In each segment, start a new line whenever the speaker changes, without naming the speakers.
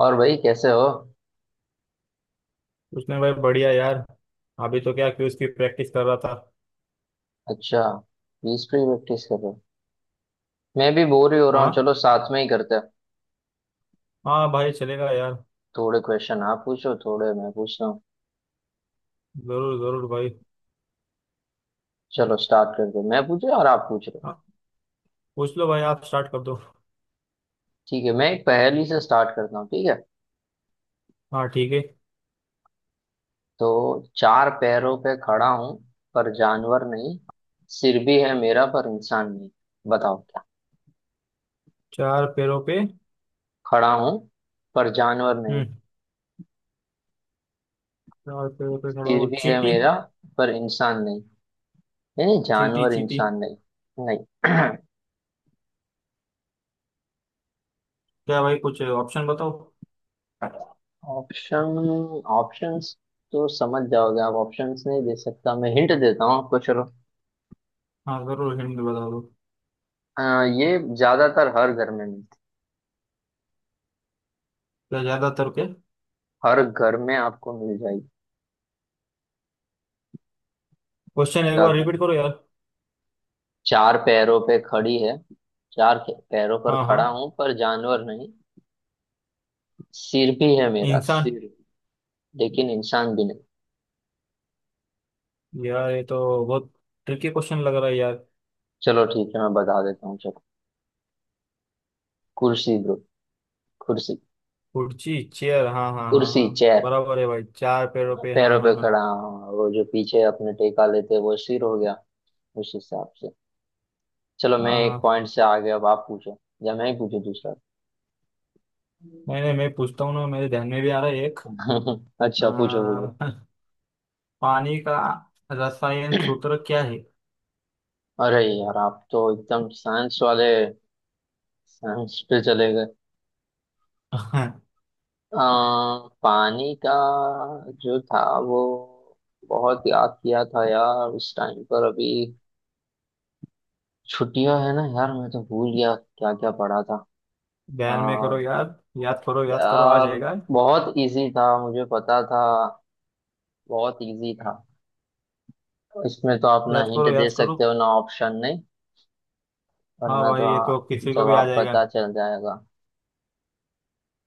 और भाई कैसे हो?
उसने भाई बढ़िया यार। अभी तो क्या क्विज की प्रैक्टिस कर रहा था।
अच्छा, क्विज पे प्रैक्टिस कर रहे हो? मैं भी बोर ही हो रहा हूँ,
हाँ।
चलो साथ में ही करते हैं।
हाँ भाई चलेगा यार।
थोड़े क्वेश्चन आप पूछो थोड़े मैं पूछ रहा हूँ।
जरूर जरूर भाई।
चलो स्टार्ट करते हैं। मैं पूछ रहा हूँ और आप पूछ रहे हो।
हाँ पूछ लो भाई आप स्टार्ट कर दो।
ठीक है, मैं एक पहेली से स्टार्ट करता हूँ, ठीक है।
हाँ ठीक है।
तो चार पैरों पे खड़ा हूँ पर जानवर नहीं। सिर भी है मेरा पर इंसान नहीं। बताओ क्या।
चार पैरों पे।
खड़ा हूँ पर जानवर नहीं,
हम्म। चार पैरों पे खड़ा
सिर
हो
भी है
चींटी
मेरा पर इंसान नहीं। यानी
चींटी
जानवर
चींटी।
इंसान नहीं नहीं।
क्या भाई कुछ ऑप्शन बताओ।
ऑप्शन ऑप्शंस तो समझ जाओगे आप, ऑप्शंस नहीं दे सकता, मैं हिंट देता हूँ आपको, चलो।
हाँ जरूर हिंट बता दो।
अ, ये ज्यादातर हर घर में मिलती,
क्या ज्यादातर के।
हर घर में आपको मिल जाएगी।
क्वेश्चन एक बार
ज्यादा
रिपीट करो यार।
चार पैरों पे खड़ी है। पैरों पर
हाँ हाँ।
खड़ा हूं पर जानवर नहीं। सिर भी है मेरा
इंसान।
सिर, लेकिन इंसान भी नहीं।
यार ये तो बहुत ट्रिकी क्वेश्चन लग रहा है यार।
चलो ठीक है, मैं बता देता हूँ चलो। कुर्सी ब्रो, कुर्सी।
कुर्सी चेयर हाँ हाँ हाँ
कुर्सी
हाँ
चेयर,
बराबर है भाई चार पैरों पे हाँ
पैरों
हाँ
पे खड़ा,
हाँ।
वो जो पीछे अपने टेका लेते हैं वो सिर हो गया, उस हिसाब से। चलो मैं एक
हाँ।
पॉइंट से आगे, अब आप पूछो या मैं ही पूछू दूसरा।
नहीं नहीं मैं पूछता हूँ ना मेरे ध्यान में भी आ रहा है एक।
अच्छा, पूछो पूछो।
आ, पानी का रसायन सूत्र क्या है।
अरे यार, आप तो एकदम साइंस वाले, साइंस पे चले गए। पानी का जो था वो, बहुत याद किया था यार उस टाइम पर, अभी छुट्टियां है ना यार, मैं तो भूल गया क्या क्या पढ़ा था।
ध्यान में करो
आ,
याद याद करो आ
यार
जाएगा।
बहुत इजी था, मुझे पता था। बहुत इजी था। इसमें तो आप ना
याद
हिंट
करो
दे
याद करो।
सकते हो ना ऑप्शन, नहीं
हाँ
वरना तो
भाई ये तो
हाँ,
किसी को भी आ
जवाब
जाएगा।
पता चल जाएगा।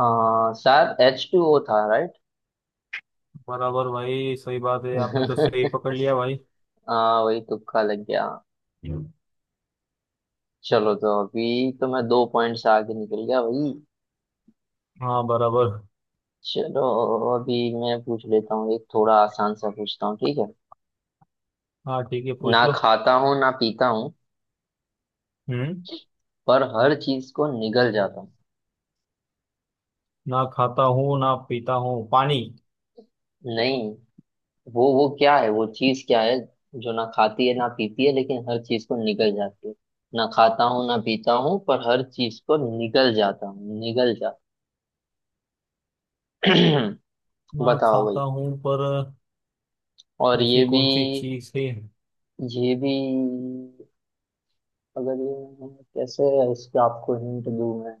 हाँ, शायद एच टू ओ था, राइट?
बराबर भाई सही बात है आपने तो सही पकड़ लिया भाई।
हाँ, वही तुक्का लग गया।
हम्म।
चलो, तो अभी तो मैं दो पॉइंट से आगे निकल गया वही।
हाँ बराबर।
चलो, अभी मैं पूछ लेता हूँ एक, थोड़ा आसान सा पूछता हूँ, ठीक है।
हाँ ठीक है पूछ
ना
लो।
खाता हूँ ना पीता हूँ,
हम्म
पर हर चीज को निगल जाता हूँ।
ना खाता हूँ ना पीता हूँ पानी।
नहीं, वो क्या है, वो चीज क्या है जो ना खाती है ना पीती है लेकिन हर चीज को निगल जाती है। ना खाता हूँ ना पीता हूँ पर हर चीज को निगल जाता हूँ, निगल जा
ना
बताओ
खाता
भाई।
हूँ पर।
और
ऐसी
ये भी,
कौन सी चीज है।
ये भी, अगर ये कैसे है, इसके आपको हिंट दूं मैं।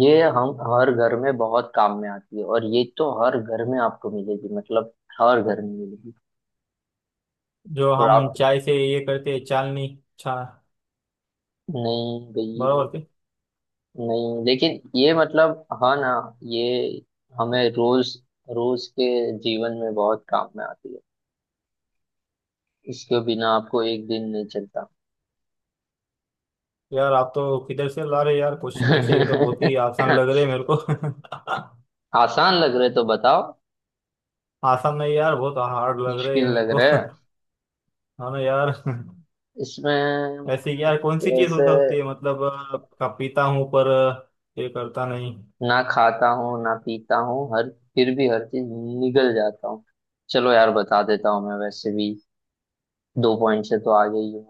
ये हम हर घर में बहुत काम में आती है, और ये तो हर घर में आपको मिलेगी, मतलब हर घर में मिलेगी।
जो
और
हम
आप
चाय से ये करते हैं चालनी। चा।
नहीं गई।
बराबर थे।
नहीं, लेकिन ये मतलब हाँ ना, ये हमें रोज रोज के जीवन में बहुत काम में आती है, इसके बिना आपको एक दिन नहीं चलता।
यार आप तो किधर से ला रहे यार क्वेश्चन ऐसे ये तो बहुत ही आसान लग रहे हैं मेरे को।
आसान लग रहे तो बताओ।
आसान नहीं यार बहुत हार्ड लग रहे
मुश्किल
हैं मेरे
लग
को।
रहे।
है ना यार।
इसमें
ऐसे
मैं
यार कौन सी चीज हो
कैसे,
सकती है मतलब का पीता हूँ पर ये करता नहीं।
ना खाता हूँ ना पीता हूँ हर, फिर भी हर चीज निगल जाता हूँ। चलो यार बता देता हूँ मैं, वैसे भी दो पॉइंट से तो आ गई हूँ।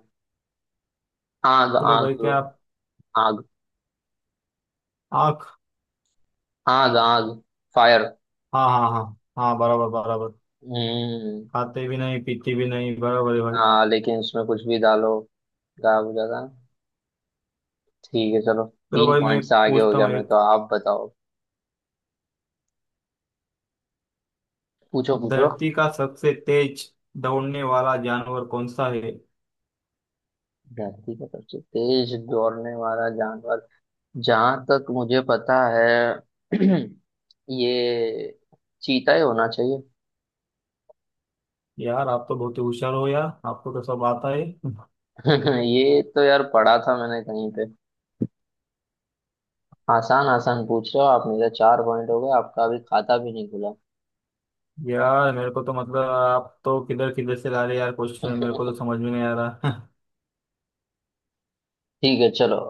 आग
चलो भाई
आग।
क्या आप।
आग
आँख।
आग आग। फायर।
हाँ हाँ हाँ। हाँ बराबर बराबर।
हम्म,
खाते भी नहीं पीते भी नहीं बराबर है भाई।
हाँ, लेकिन उसमें कुछ भी डालो गायब हो जाता है। ठीक है चलो।
चलो
तीन
भाई मैं
पॉइंट से आगे हो
पूछता
गया
हूँ
मैं तो,
एक।
आप बताओ। पूछो पूछो।
धरती का सबसे तेज दौड़ने वाला जानवर कौन सा है।
धरती का सबसे तेज दौड़ने वाला जानवर, जहां तक मुझे पता है ये चीता ही होना चाहिए।
यार आप तो बहुत ही होशियार हो यार आपको तो सब आता है।
ये तो यार पढ़ा था मैंने कहीं पे। आसान आसान पूछ रहे हो आप, मेरा चार पॉइंट हो गए, आपका अभी खाता भी नहीं खुला।
यार मेरे को तो मतलब आप तो किधर किधर से ला रहे यार क्वेश्चन मेरे को तो समझ में नहीं आ रहा।
ठीक है चलो।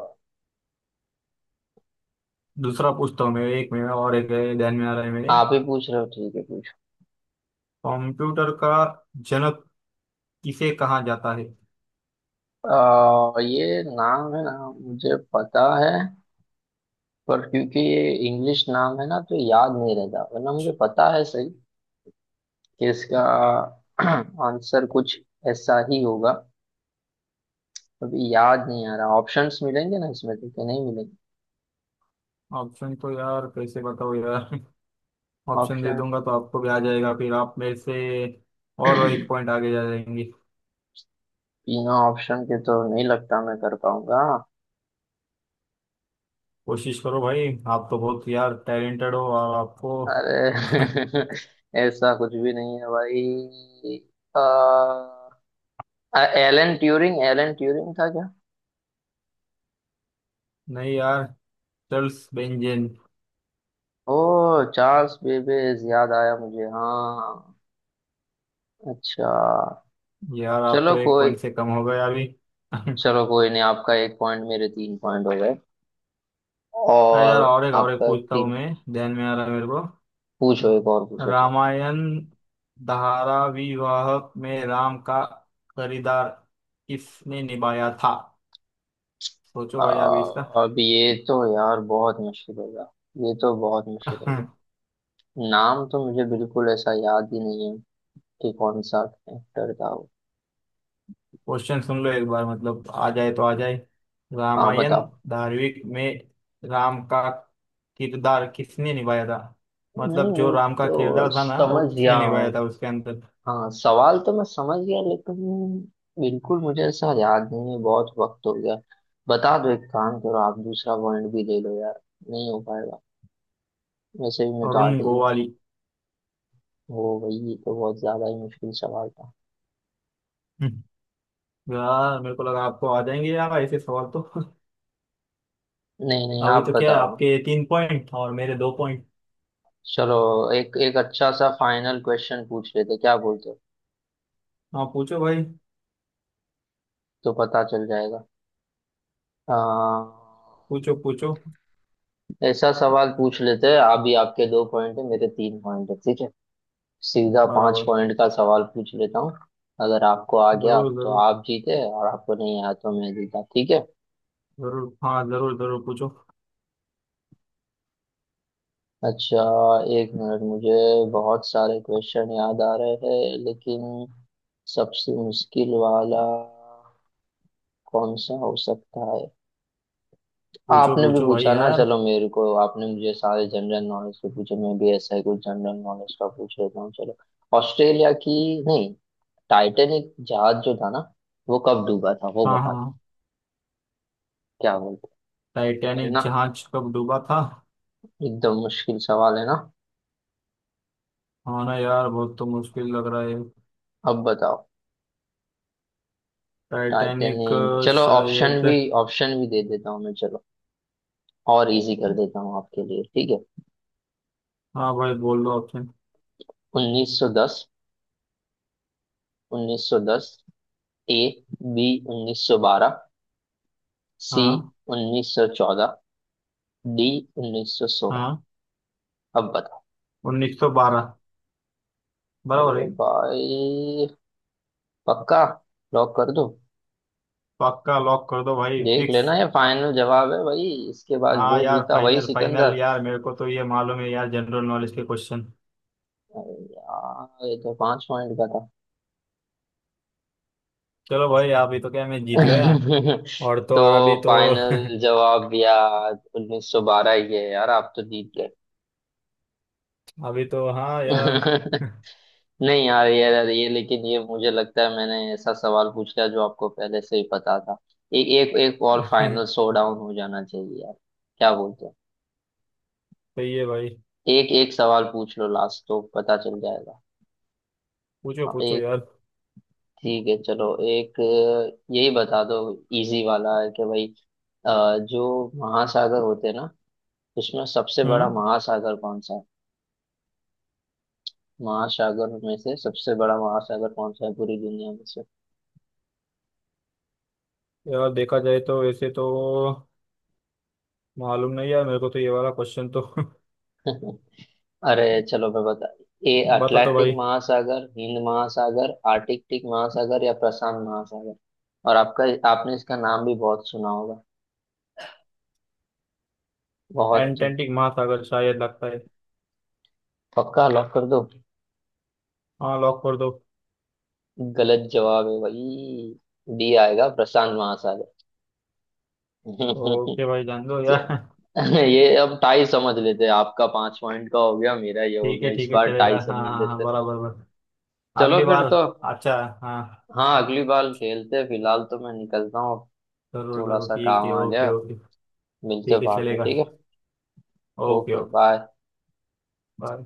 दूसरा पूछता हूँ मैं एक मेरा और एक है, ध्यान में आ रहा है मेरे।
आप ही पूछ रहे हो, ठीक है।
कंप्यूटर का जनक किसे कहा जाता है।
ये नाम है ना, मुझे पता है, पर क्योंकि ये इंग्लिश नाम है ना तो याद नहीं रहता, वरना मुझे पता है सही कि इसका आंसर कुछ ऐसा ही होगा। अभी याद नहीं आ रहा। ऑप्शंस मिलेंगे ना इसमें तो, कि नहीं मिलेंगे?
ऑप्शन तो यार कैसे बताओ यार। ऑप्शन दे
ऑप्शन
दूंगा तो आपको भी आ जाएगा फिर आप मेरे से। और एक पॉइंट आगे जा जाएंगे।
बिना ऑप्शन के तो नहीं लगता मैं कर पाऊंगा।
कोशिश करो भाई। आप तो बहुत यार टैलेंटेड हो और आपको।
अरे ऐसा कुछ भी नहीं है भाई। आ, एलन ट्यूरिंग, एलन ट्यूरिंग था क्या?
नहीं यार। चार्ल्स बेंजेन।
ओह, चार्ल्स बेबेज, याद आया मुझे, हाँ अच्छा।
यार आप
चलो
तो एक
कोई,
पॉइंट से कम हो गए अभी।
चलो कोई नहीं, आपका एक पॉइंट, मेरे तीन पॉइंट हो गए
अरे
और
यार और एक
आपका
पूछता हूँ
तीन।
मैं। ध्यान में आ रहा है मेरे को।
पूछो, एक और पूछो चलो।
रामायण धाराविवाहक में राम का किरदार किसने निभाया था। सोचो भाई अभी इसका।
अब ये तो यार बहुत मुश्किल होगा, ये तो बहुत मुश्किल होगा। नाम तो मुझे बिल्कुल ऐसा याद ही नहीं है कि कौन सा एक्टर था वो।
क्वेश्चन सुन लो एक बार मतलब आ जाए तो आ जाए।
हाँ
रामायण।
बताओ।
धारावाहिक में राम का किरदार किसने निभाया था।
नहीं
मतलब जो
वो
राम का
तो
किरदार था ना वो
समझ गया,
किसने निभाया था उसके अंदर।
हाँ सवाल तो मैं समझ गया, लेकिन बिल्कुल मुझे ऐसा याद नहीं है, बहुत वक्त हो गया। बता दो, एक काम करो, आप दूसरा पॉइंट भी ले लो यार, नहीं हो पाएगा, वैसे भी मैं तो आ
अरुण
गई हूँ।
गोवाली।
वो वही तो बहुत ज्यादा ही मुश्किल सवाल था।
यार मेरे को लगा आपको आ जाएंगे यार ऐसे सवाल तो।
नहीं नहीं,
अभी
आप
तो क्या है
बताओ।
आपके तीन पॉइंट और मेरे दो पॉइंट।
चलो, एक एक अच्छा सा फाइनल क्वेश्चन पूछ लेते, क्या बोलते हो?
हाँ पूछो भाई।
तो पता चल जाएगा। आ,
पूछो पूछो।
ऐसा सवाल पूछ लेते हैं, अभी आपके दो पॉइंट है मेरे तीन पॉइंट है, ठीक है। सीधा पांच
बराबर।
पॉइंट का सवाल पूछ लेता हूँ। अगर आपको आ गया
जरूर
तो
जरूर
आप जीते, और आपको नहीं आया तो मैं जीता, ठीक है।
जरूर हाँ जरूर जरूर पूछो।
अच्छा, एक मिनट मुझे, बहुत सारे क्वेश्चन याद आ रहे हैं लेकिन सबसे मुश्किल वाला कौन सा हो सकता है।
पूछो
आपने भी
पूछो भाई
पूछा ना,
यार।
चलो मेरे को, आपने मुझे सारे जनरल नॉलेज के पूछे, मैं भी ऐसा ही कुछ जनरल नॉलेज का पूछ लेता हूँ चलो। ऑस्ट्रेलिया की, नहीं, टाइटैनिक जहाज जो था ना, वो कब डूबा था वो
हाँ
बता दो।
हाँ।
क्या बोलते, है
टाइटैनिक
ना
जहाज कब डूबा था।
एकदम मुश्किल सवाल, है ना?
हाँ ना यार बहुत तो मुश्किल लग रहा है।
अब बताओ।
टाइटैनिक
टाइटैनिक, चलो ऑप्शन
शायद।
भी, दे देता हूँ मैं, चलो और इजी कर देता हूँ आपके लिए, ठीक है।
हाँ भाई बोल दो ऑप्शन।
1910, 1910 ए, बी 1912, सी
हाँ।
1914, डी 1916।
हाँ।
अब बताओ।
1912 बराबर है।
अरे भाई, पक्का, लॉक कर दो।
पक्का लॉक कर दो भाई
देख
फिक्स।
लेना ये फाइनल जवाब है भाई, इसके बाद
हाँ
जो
यार
जीता वही
फाइनल फाइनल
सिकंदर।
यार मेरे को तो ये मालूम है यार जनरल नॉलेज के क्वेश्चन।
अरे यार ये तो पांच पॉइंट का था।
चलो भाई अभी तो क्या मैं जीत गया। और तो
तो
और अभी तो।
फाइनल जवाब यार 1912 ही है यार, आप तो जीत गए।
अभी तो हाँ यार।
नहीं यार, ये लेकिन ये मुझे लगता है मैंने ऐसा सवाल पूछ लिया जो आपको पहले से ही पता था। एक, एक और फाइनल शो डाउन हो जाना चाहिए यार, क्या बोलते हैं?
सही है भाई।
एक एक सवाल पूछ लो लास्ट, तो पता चल जाएगा।
पूछो
हाँ,
पूछो
एक
यार।
ठीक है, चलो एक यही बता दो, इजी वाला है कि भाई। जो महासागर होते हैं ना, उसमें सबसे बड़ा
हम्म।
महासागर कौन सा है? महासागर में से सबसे बड़ा महासागर कौन सा है पूरी दुनिया में से?
यार देखा जाए तो वैसे तो। मालूम नहीं यार मेरे को तो ये वाला क्वेश्चन तो।
अरे चलो मैं बता, ए
बता तो
अटलांटिक
भाई।
महासागर, हिंद महासागर, आर्कटिक महासागर, या प्रशांत महासागर। और आपका, आपने इसका नाम भी बहुत सुना होगा, बहुत।
एटलांटिक महासागर शायद लगता है।
पक्का? लॉक कर दो।
हाँ लॉक कर दो।
गलत जवाब है भाई, डी आएगा, प्रशांत महासागर।
ओके भाई जान दो यार।
ये अब टाई समझ लेते हैं, आपका पांच पॉइंट का हो गया मेरा ये हो गया, इस
ठीक है
बार टाई
चलेगा हाँ
समझ
हाँ हाँ
लेते हैं।
बराबर बराबर।
चलो
अगली
फिर
बार।
तो
अच्छा। हाँ।
हाँ, अगली बार खेलते हैं, फिलहाल तो मैं निकलता हूँ,
करो
थोड़ा
करो
सा
ठीक
काम
है
आ गया,
ओके ओके।
मिलते
ठीक
हैं
है
बाद में,
चलेगा।
ठीक है।
Okay
okay
okay
bye.
Bye.